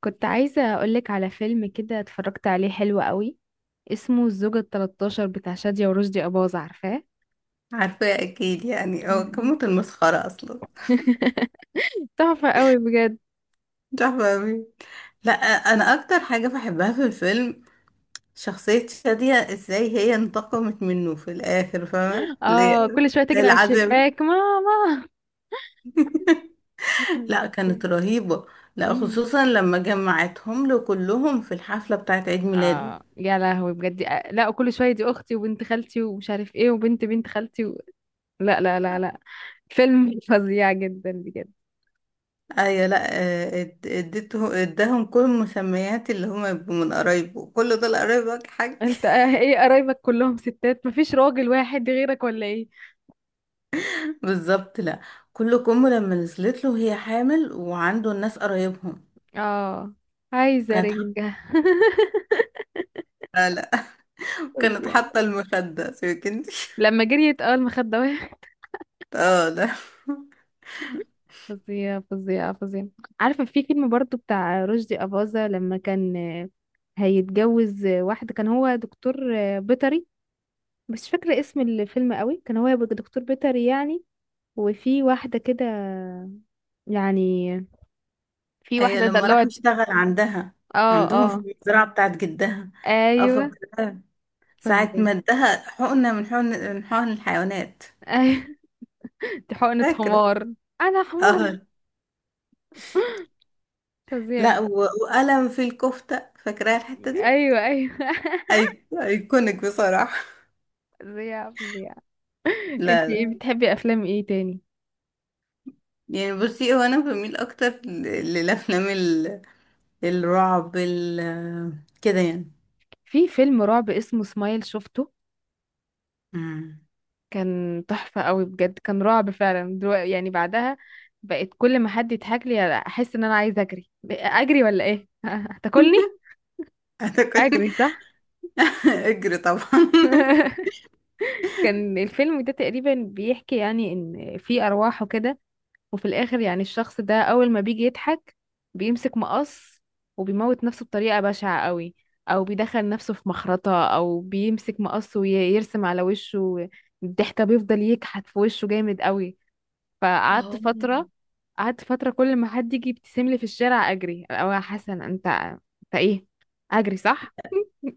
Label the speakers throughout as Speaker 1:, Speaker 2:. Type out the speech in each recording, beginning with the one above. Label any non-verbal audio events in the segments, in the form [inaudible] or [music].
Speaker 1: كنت عايزة أقولك على فيلم كده اتفرجت عليه حلو قوي. اسمه الزوجة التلتاشر بتاع شادية ورشدي أباظة، عارفاه؟
Speaker 2: عارفة اكيد، يعني
Speaker 1: مم.
Speaker 2: كموت المسخرة اصلا.
Speaker 1: تحفة قوي بجد.
Speaker 2: مش عارفة أوي. لا، انا اكتر حاجة بحبها في الفيلم شخصية شادية، ازاي هي انتقمت منه في الاخر، فاهمة
Speaker 1: اه،
Speaker 2: ليه؟
Speaker 1: كل شوية تجري على
Speaker 2: العذاب،
Speaker 1: الشباك ماما.
Speaker 2: لا
Speaker 1: [laughs]
Speaker 2: كانت رهيبة. لا
Speaker 1: مم.
Speaker 2: خصوصا لما جمعتهم له كلهم في الحفلة بتاعت عيد ميلاده.
Speaker 1: اه يا لهوي بجد، لا، وكل شوية دي أختي وبنت خالتي ومش عارف ايه وبنت بنت خالتي و... لا لا لا لا، فيلم [laughs] فظيع جدا بجد.
Speaker 2: ايوه. لا اديته اداهم كل المسميات اللي هما يبقوا من قرايبه، كل دول قرايبك حاج.
Speaker 1: انت ايه، قرايبك كلهم ستات مفيش راجل واحد غيرك ولا ايه؟
Speaker 2: بالظبط. لا كل كم لما نزلت له هي حامل وعنده الناس قرايبهم.
Speaker 1: اه، عايزة
Speaker 2: كانت حاطه،
Speaker 1: رنجة.
Speaker 2: لا لا.
Speaker 1: [laughs]
Speaker 2: [laughs] كانت
Speaker 1: فظيع.
Speaker 2: حاطه المخده، سيبك انت. [laughs]
Speaker 1: لما جريت المخدة وقعت.
Speaker 2: اه لا،
Speaker 1: [laughs] فظيعة فظيعة فظيعة. [laughs] عارفة في فيلم برضو بتاع رشدي أباظة، لما كان هيتجوز واحدة، كان هو دكتور بيطري. بس مش فاكرة اسم الفيلم قوي، كان هو يبقى دكتور بيطري يعني، وفي واحدة كده، يعني في
Speaker 2: هي
Speaker 1: واحدة
Speaker 2: لما راح
Speaker 1: دلوعت.
Speaker 2: يشتغل عندها
Speaker 1: اه
Speaker 2: عندهم في
Speaker 1: اه.
Speaker 2: المزرعه بتاعت جدها. اه
Speaker 1: ايوه
Speaker 2: فاكره. ساعه
Speaker 1: فظيع.
Speaker 2: ما ادها حقنه، من حقن الحيوانات.
Speaker 1: ايوه. [laughs] دي حقنة
Speaker 2: فاكره.
Speaker 1: حمار. انا حمار.
Speaker 2: اه
Speaker 1: فظيع.
Speaker 2: لا و- وقلم في الكفته، فاكراها الحته دي.
Speaker 1: ايوه ايوه.
Speaker 2: ايكونيك بصراحه. [laughs]
Speaker 1: [laughs] فظيع فظيع.
Speaker 2: لا
Speaker 1: انتي ايه،
Speaker 2: لا،
Speaker 1: بتحبي افلام ايه تاني؟
Speaker 2: يعني بصي هو انا بميل اكتر للافلام الرعب، ال آه، كده يعني.
Speaker 1: في فيلم رعب اسمه سمايل، شفته؟
Speaker 2: امم
Speaker 1: كان تحفة قوي بجد، كان رعب فعلا. دلوقتي يعني بعدها بقيت كل ما حد يضحك لي احس ان انا عايزة اجري، اجري ولا ايه؟ [laughs] هتاكلني.
Speaker 2: [laughs] انا كنت،
Speaker 1: اجري صح.
Speaker 2: [laughs] اجري طبعا. [laughs]
Speaker 1: [laughs] كان الفيلم ده تقريبا بيحكي يعني ان في ارواح وكده، وفي الاخر يعني الشخص ده اول ما بيجي يضحك بيمسك مقص وبيموت نفسه بطريقة بشعة قوي، او بيدخل نفسه في مخرطة، او بيمسك مقص ويرسم على وشه الضحكة، بيفضل يكحت في وشه جامد قوي. فقعدت
Speaker 2: اه،
Speaker 1: فترة، قعدت فترة كل ما حد يجي يبتسم لي في الشارع اجري، او يا حسن انت ايه، اجري صح. [laughs]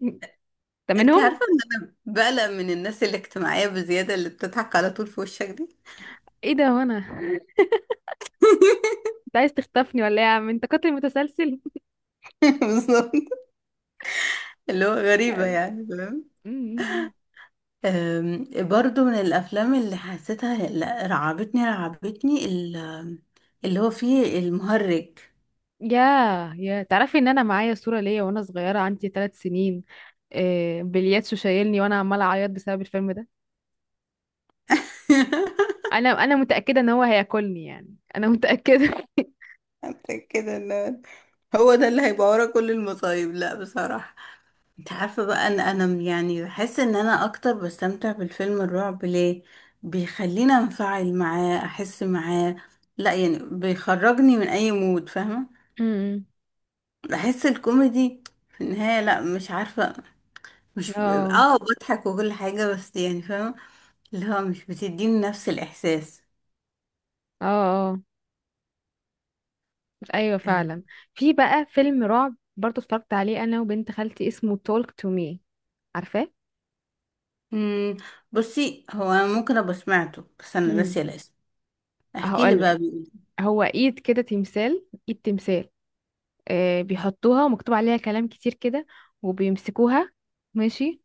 Speaker 1: انت
Speaker 2: انت عارفه
Speaker 1: منهم.
Speaker 2: ان انا بقلق من الناس الاجتماعيه بزياده اللي بتضحك على طول في وشك دي.
Speaker 1: ايه ده؟ وانا انت عايز تخطفني ولا ايه يا عم، انت قاتل متسلسل؟
Speaker 2: [laughs] بالظبط. اللي هو غريبه يعني، فاهم؟
Speaker 1: [laughs]
Speaker 2: برضو من الافلام اللي حسيتها، لا، رعبتني رعبتني اللي هو فيه المهرج.
Speaker 1: ياه، يا تعرفي ان انا معايا صورة ليا وانا صغيرة، عندي 3 سنين، بلياتشو شايلني وانا عمالة اعيط بسبب الفيلم ده.
Speaker 2: [laughs]
Speaker 1: انا متأكدة ان هو هياكلني، يعني انا متأكدة. [laughs]
Speaker 2: حسيت كده إن هو ده اللي هيبقى ورا كل المصايب، لا بصراحه. انت عارفة بقى ان انا يعني بحس ان انا اكتر بستمتع بالفيلم الرعب، ليه بيخليني انفعل معاه، احس معاه، لا يعني بيخرجني من اي مود، فاهمة؟
Speaker 1: أمم.
Speaker 2: بحس الكوميدي في النهاية، لا مش عارفة، مش
Speaker 1: اه
Speaker 2: اه بضحك وكل حاجة، بس يعني فاهمة اللي هو مش بتديني نفس الاحساس.
Speaker 1: اه. اه ايوه فعلا. في بقى فيلم رعب برضو اتفرجت عليه انا وبنت خالتي، اسمه تولك تو مي، عارفاه؟
Speaker 2: امم، بصي هو انا ممكن ابقى سمعته، بس انا
Speaker 1: امم.
Speaker 2: ناسية الاسم. احكي لي
Speaker 1: هقول
Speaker 2: بقى،
Speaker 1: لك،
Speaker 2: بيقول
Speaker 1: هو ايد كده، تمثال ايد تمثال، آه، بيحطوها ومكتوب عليها كلام كتير كده وبيمسكوها، ماشي.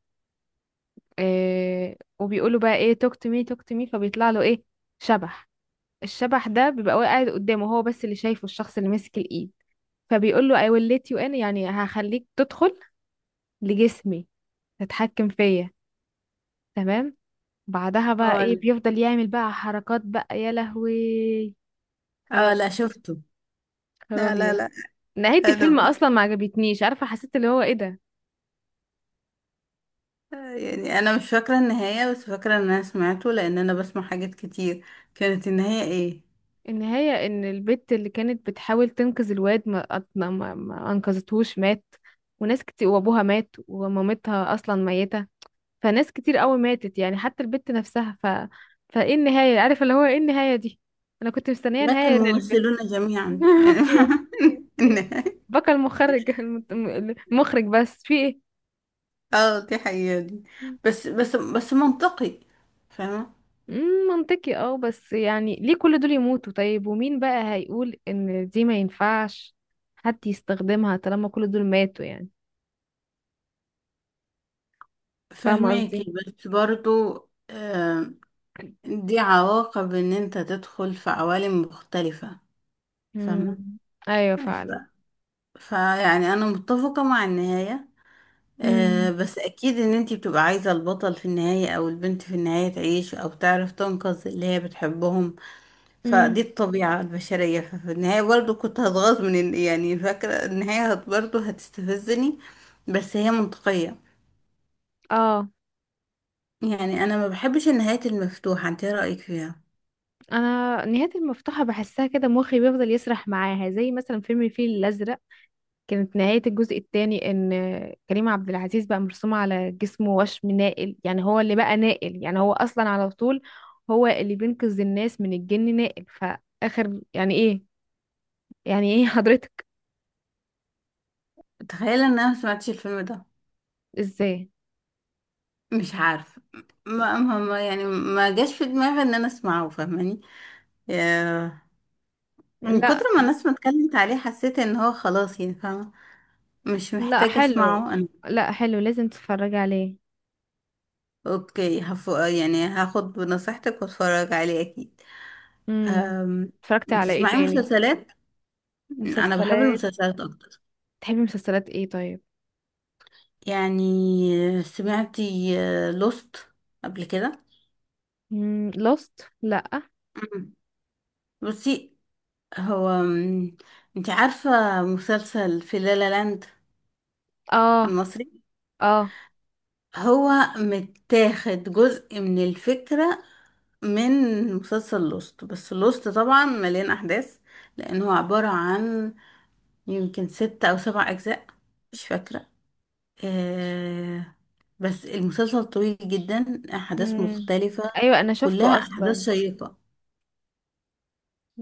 Speaker 1: آه، وبيقولوا بقى ايه، توك تو مي توك تو مي، فبيطلع له ايه، شبح. الشبح ده بيبقى واقع قاعد قدامه، هو بس اللي شايفه، الشخص اللي ماسك الايد، فبيقول له I will let you in، يعني هخليك تدخل لجسمي، تتحكم فيا، تمام. بعدها بقى
Speaker 2: اه
Speaker 1: ايه، بيفضل يعمل بقى حركات بقى يا لهوي.
Speaker 2: اه
Speaker 1: خراب،
Speaker 2: لا، شفته. لا
Speaker 1: خراب
Speaker 2: لا
Speaker 1: يعني.
Speaker 2: لا،
Speaker 1: نهاية
Speaker 2: انا
Speaker 1: الفيلم اصلا ما عجبتنيش، عارفة، حسيت اللي هو ايه ده.
Speaker 2: يعني انا مش فاكره النهايه، بس فاكره ان انا سمعته لان انا بسمع حاجات كتير. كانت النهايه ايه؟
Speaker 1: النهاية ان البت اللي كانت بتحاول تنقذ الواد ما, أت- ما, ما ما انقذتهوش، مات، وناس كتير، وابوها مات، ومامتها اصلا ميتة، فناس كتير قوي ماتت يعني، حتى البت نفسها، ف فايه النهاية، عارف اللي هو ايه النهاية دي، انا كنت مستنية
Speaker 2: مات
Speaker 1: نهاية ان البت...
Speaker 2: الممثلون جميعا يعني.
Speaker 1: [laughs] في ايه؟
Speaker 2: [laughs] النهايه؟
Speaker 1: بكى المخرج المت- المخرج بس في ايه.
Speaker 2: اه دي حقيقه دي، بس منطقي، فاهمه.
Speaker 1: مم، منطقي اه، بس يعني ليه كل دول يموتوا طيب، ومين بقى هيقول ان دي ما ينفعش حد يستخدمها طالما كل دول ماتوا يعني، فاهمة
Speaker 2: فهماكي
Speaker 1: قصدي؟
Speaker 2: بس برضو، آه دي عواقب ان انت تدخل في عوالم مختلفه،
Speaker 1: مم.
Speaker 2: فاهمه.
Speaker 1: ايوه فعلا.
Speaker 2: ف- فيعني انا متفقه مع النهايه. آه
Speaker 1: مم.
Speaker 2: بس اكيد ان انتي بتبقى عايزة البطل في النهاية او البنت في النهاية تعيش او تعرف تنقذ اللي هي بتحبهم.
Speaker 1: مم.
Speaker 2: فدي الطبيعة البشرية. ففي النهاية برضو كنت هتغاظ من يعني فاكرة النهاية برضو هتستفزني، بس هي منطقية.
Speaker 1: اه،
Speaker 2: يعني انا ما بحبش النهايات المفتوحة، انت ايه رأيك فيها؟
Speaker 1: انا نهاية المفتوحة بحسها كده مخي بيفضل يسرح معاها، زي مثلا فيلم الفيل الازرق، كانت نهاية الجزء الثاني ان كريم عبد العزيز بقى مرسوم على جسمه وشم نائل، يعني هو اللي بقى نائل، يعني هو اصلا على طول هو اللي بينقذ الناس من الجن، نائل فاخر، يعني ايه؟ يعني ايه حضرتك؟
Speaker 2: تخيل ان انا ما سمعتش الفيلم ده.
Speaker 1: ازاي؟
Speaker 2: مش عارفة، يعني ما جاش في دماغي ان انا اسمعه، فاهماني؟ آه، من كتر
Speaker 1: لا
Speaker 2: ما الناس ما اتكلمت عليه حسيت ان هو خلاص، يعني فاهمة مش
Speaker 1: لا
Speaker 2: محتاجة
Speaker 1: حلو،
Speaker 2: اسمعه انا.
Speaker 1: لا حلو لازم تتفرجي عليه.
Speaker 2: يعني هاخد بنصيحتك واتفرج عليه اكيد.
Speaker 1: امم.
Speaker 2: أم...
Speaker 1: اتفرجتي على ايه
Speaker 2: بتسمعي
Speaker 1: تاني؟
Speaker 2: مسلسلات؟ انا بحب
Speaker 1: مسلسلات.
Speaker 2: المسلسلات اكتر.
Speaker 1: تحبي مسلسلات ايه طيب؟
Speaker 2: يعني سمعتي لوست قبل كده؟
Speaker 1: لوست؟ لا.
Speaker 2: أمم. بصي، هو انت عارفة مسلسل في لالا لاند
Speaker 1: اه
Speaker 2: المصري؟
Speaker 1: اه.
Speaker 2: هو متاخد جزء من الفكرة من مسلسل لوست، بس لوست طبعا مليان احداث، لانه عبارة عن يمكن ست أو سبع أجزاء، مش فاكرة. آه بس المسلسل طويل جدا، أحداث
Speaker 1: مم.
Speaker 2: مختلفة،
Speaker 1: ايوه انا
Speaker 2: كلها
Speaker 1: شفته
Speaker 2: أحداث
Speaker 1: اصلا،
Speaker 2: شيقة.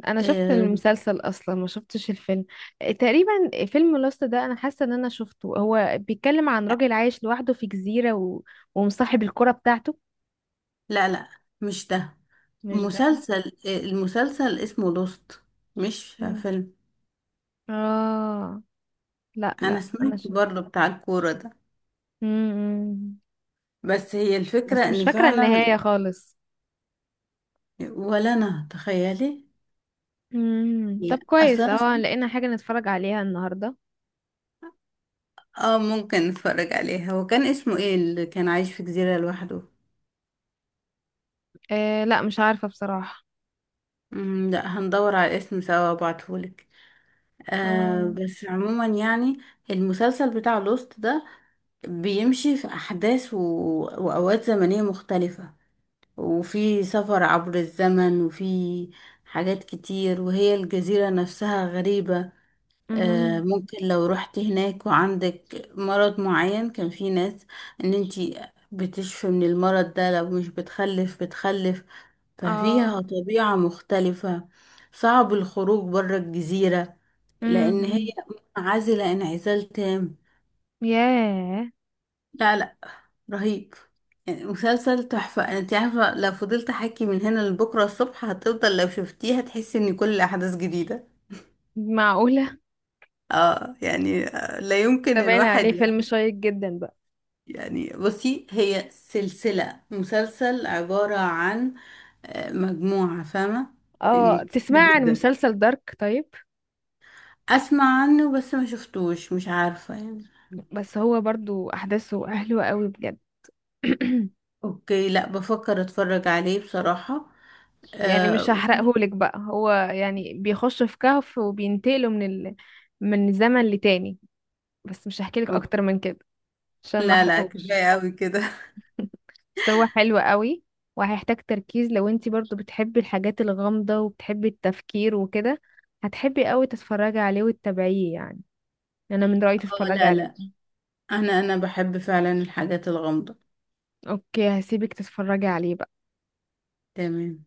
Speaker 1: انا شفت
Speaker 2: آه
Speaker 1: المسلسل اصلا، ما شفتش الفيلم. تقريبا فيلم لوست ده انا حاسه ان انا شفته، هو بيتكلم عن راجل عايش لوحده في جزيره و... ومصاحب الكره بتاعته.
Speaker 2: لا لا، مش ده.
Speaker 1: مش ده؟
Speaker 2: مسلسل، المسلسل اسمه لوست، مش
Speaker 1: مم.
Speaker 2: فيلم.
Speaker 1: اه لا
Speaker 2: أنا
Speaker 1: لا
Speaker 2: سمعت
Speaker 1: انا شفت.
Speaker 2: برضه بتاع الكورة ده،
Speaker 1: مم.
Speaker 2: بس هي
Speaker 1: بس
Speaker 2: الفكرة
Speaker 1: مش
Speaker 2: إن
Speaker 1: فاكره النهايه
Speaker 2: فعلا،
Speaker 1: خالص.
Speaker 2: ولا أنا تخيلي.
Speaker 1: مم،
Speaker 2: لا
Speaker 1: طب
Speaker 2: أصلا
Speaker 1: كويس، اه لقينا حاجه نتفرج عليها النهارده.
Speaker 2: اه ممكن نتفرج عليها. هو كان اسمه ايه اللي كان عايش في جزيرة لوحده؟
Speaker 1: آه لا مش عارفة بصراحة.
Speaker 2: مم، لا هندور على اسم سوا وابعتهولك. آه
Speaker 1: آه.
Speaker 2: بس عموما يعني المسلسل بتاع لوست ده بيمشي في أحداث و... وأوقات زمنية مختلفة، وفي سفر عبر الزمن، وفي حاجات كتير، وهي الجزيرة نفسها غريبة. آه،
Speaker 1: امم.
Speaker 2: ممكن لو رحت هناك وعندك مرض معين، كان في ناس ان انتي بتشفي من المرض ده، لو مش بتخلف بتخلف.
Speaker 1: اه.
Speaker 2: ففيها طبيعة مختلفة، صعب الخروج بره الجزيرة، لان هي
Speaker 1: امم.
Speaker 2: منعزلة انعزال تام.
Speaker 1: ياه.
Speaker 2: لا لا، رهيب. يعني مسلسل تحفة، انت عارفة لو فضلت احكي من هنا لبكرة الصبح هتفضل لو شفتيها تحسي ان كل الاحداث جديدة.
Speaker 1: معقولة؟
Speaker 2: اه يعني، لا يمكن
Speaker 1: ده باين عليه
Speaker 2: الواحد،
Speaker 1: فيلم شيق جدا بقى.
Speaker 2: يعني بصي هي سلسلة، مسلسل عبارة عن مجموعة، فاهمة؟ يعني
Speaker 1: اه،
Speaker 2: كتير
Speaker 1: تسمع عن
Speaker 2: جدا.
Speaker 1: مسلسل دارك طيب؟
Speaker 2: أسمع عنه بس ما شفتوش، مش عارفة يعني.
Speaker 1: بس هو برضو احداثه حلوة قوي بجد. [clears throat]
Speaker 2: أوكي، لا بفكر أتفرج عليه بصراحة.
Speaker 1: يعني
Speaker 2: آه
Speaker 1: مش
Speaker 2: وفي-
Speaker 1: هحرقهولك بقى، هو يعني بيخش في كهف وبينتقلوا من ال... من زمن لتاني، بس مش هحكيلك
Speaker 2: أوكي.
Speaker 1: اكتر من كده عشان ما
Speaker 2: لا لا،
Speaker 1: احرقهوش.
Speaker 2: كفاية أوي كده.
Speaker 1: بس هو حلو قوي، وهيحتاج تركيز. لو انتي برضو بتحبي الحاجات الغامضة وبتحبي التفكير وكده هتحبي قوي تتفرجي عليه وتتابعيه يعني. انا من رأيي
Speaker 2: [laughs] اه
Speaker 1: تتفرجي
Speaker 2: لا
Speaker 1: عليه.
Speaker 2: لا، أنا بحب فعلا الحاجات الغامضة.
Speaker 1: اوكي هسيبك تتفرجي عليه بقى.
Speaker 2: تمام.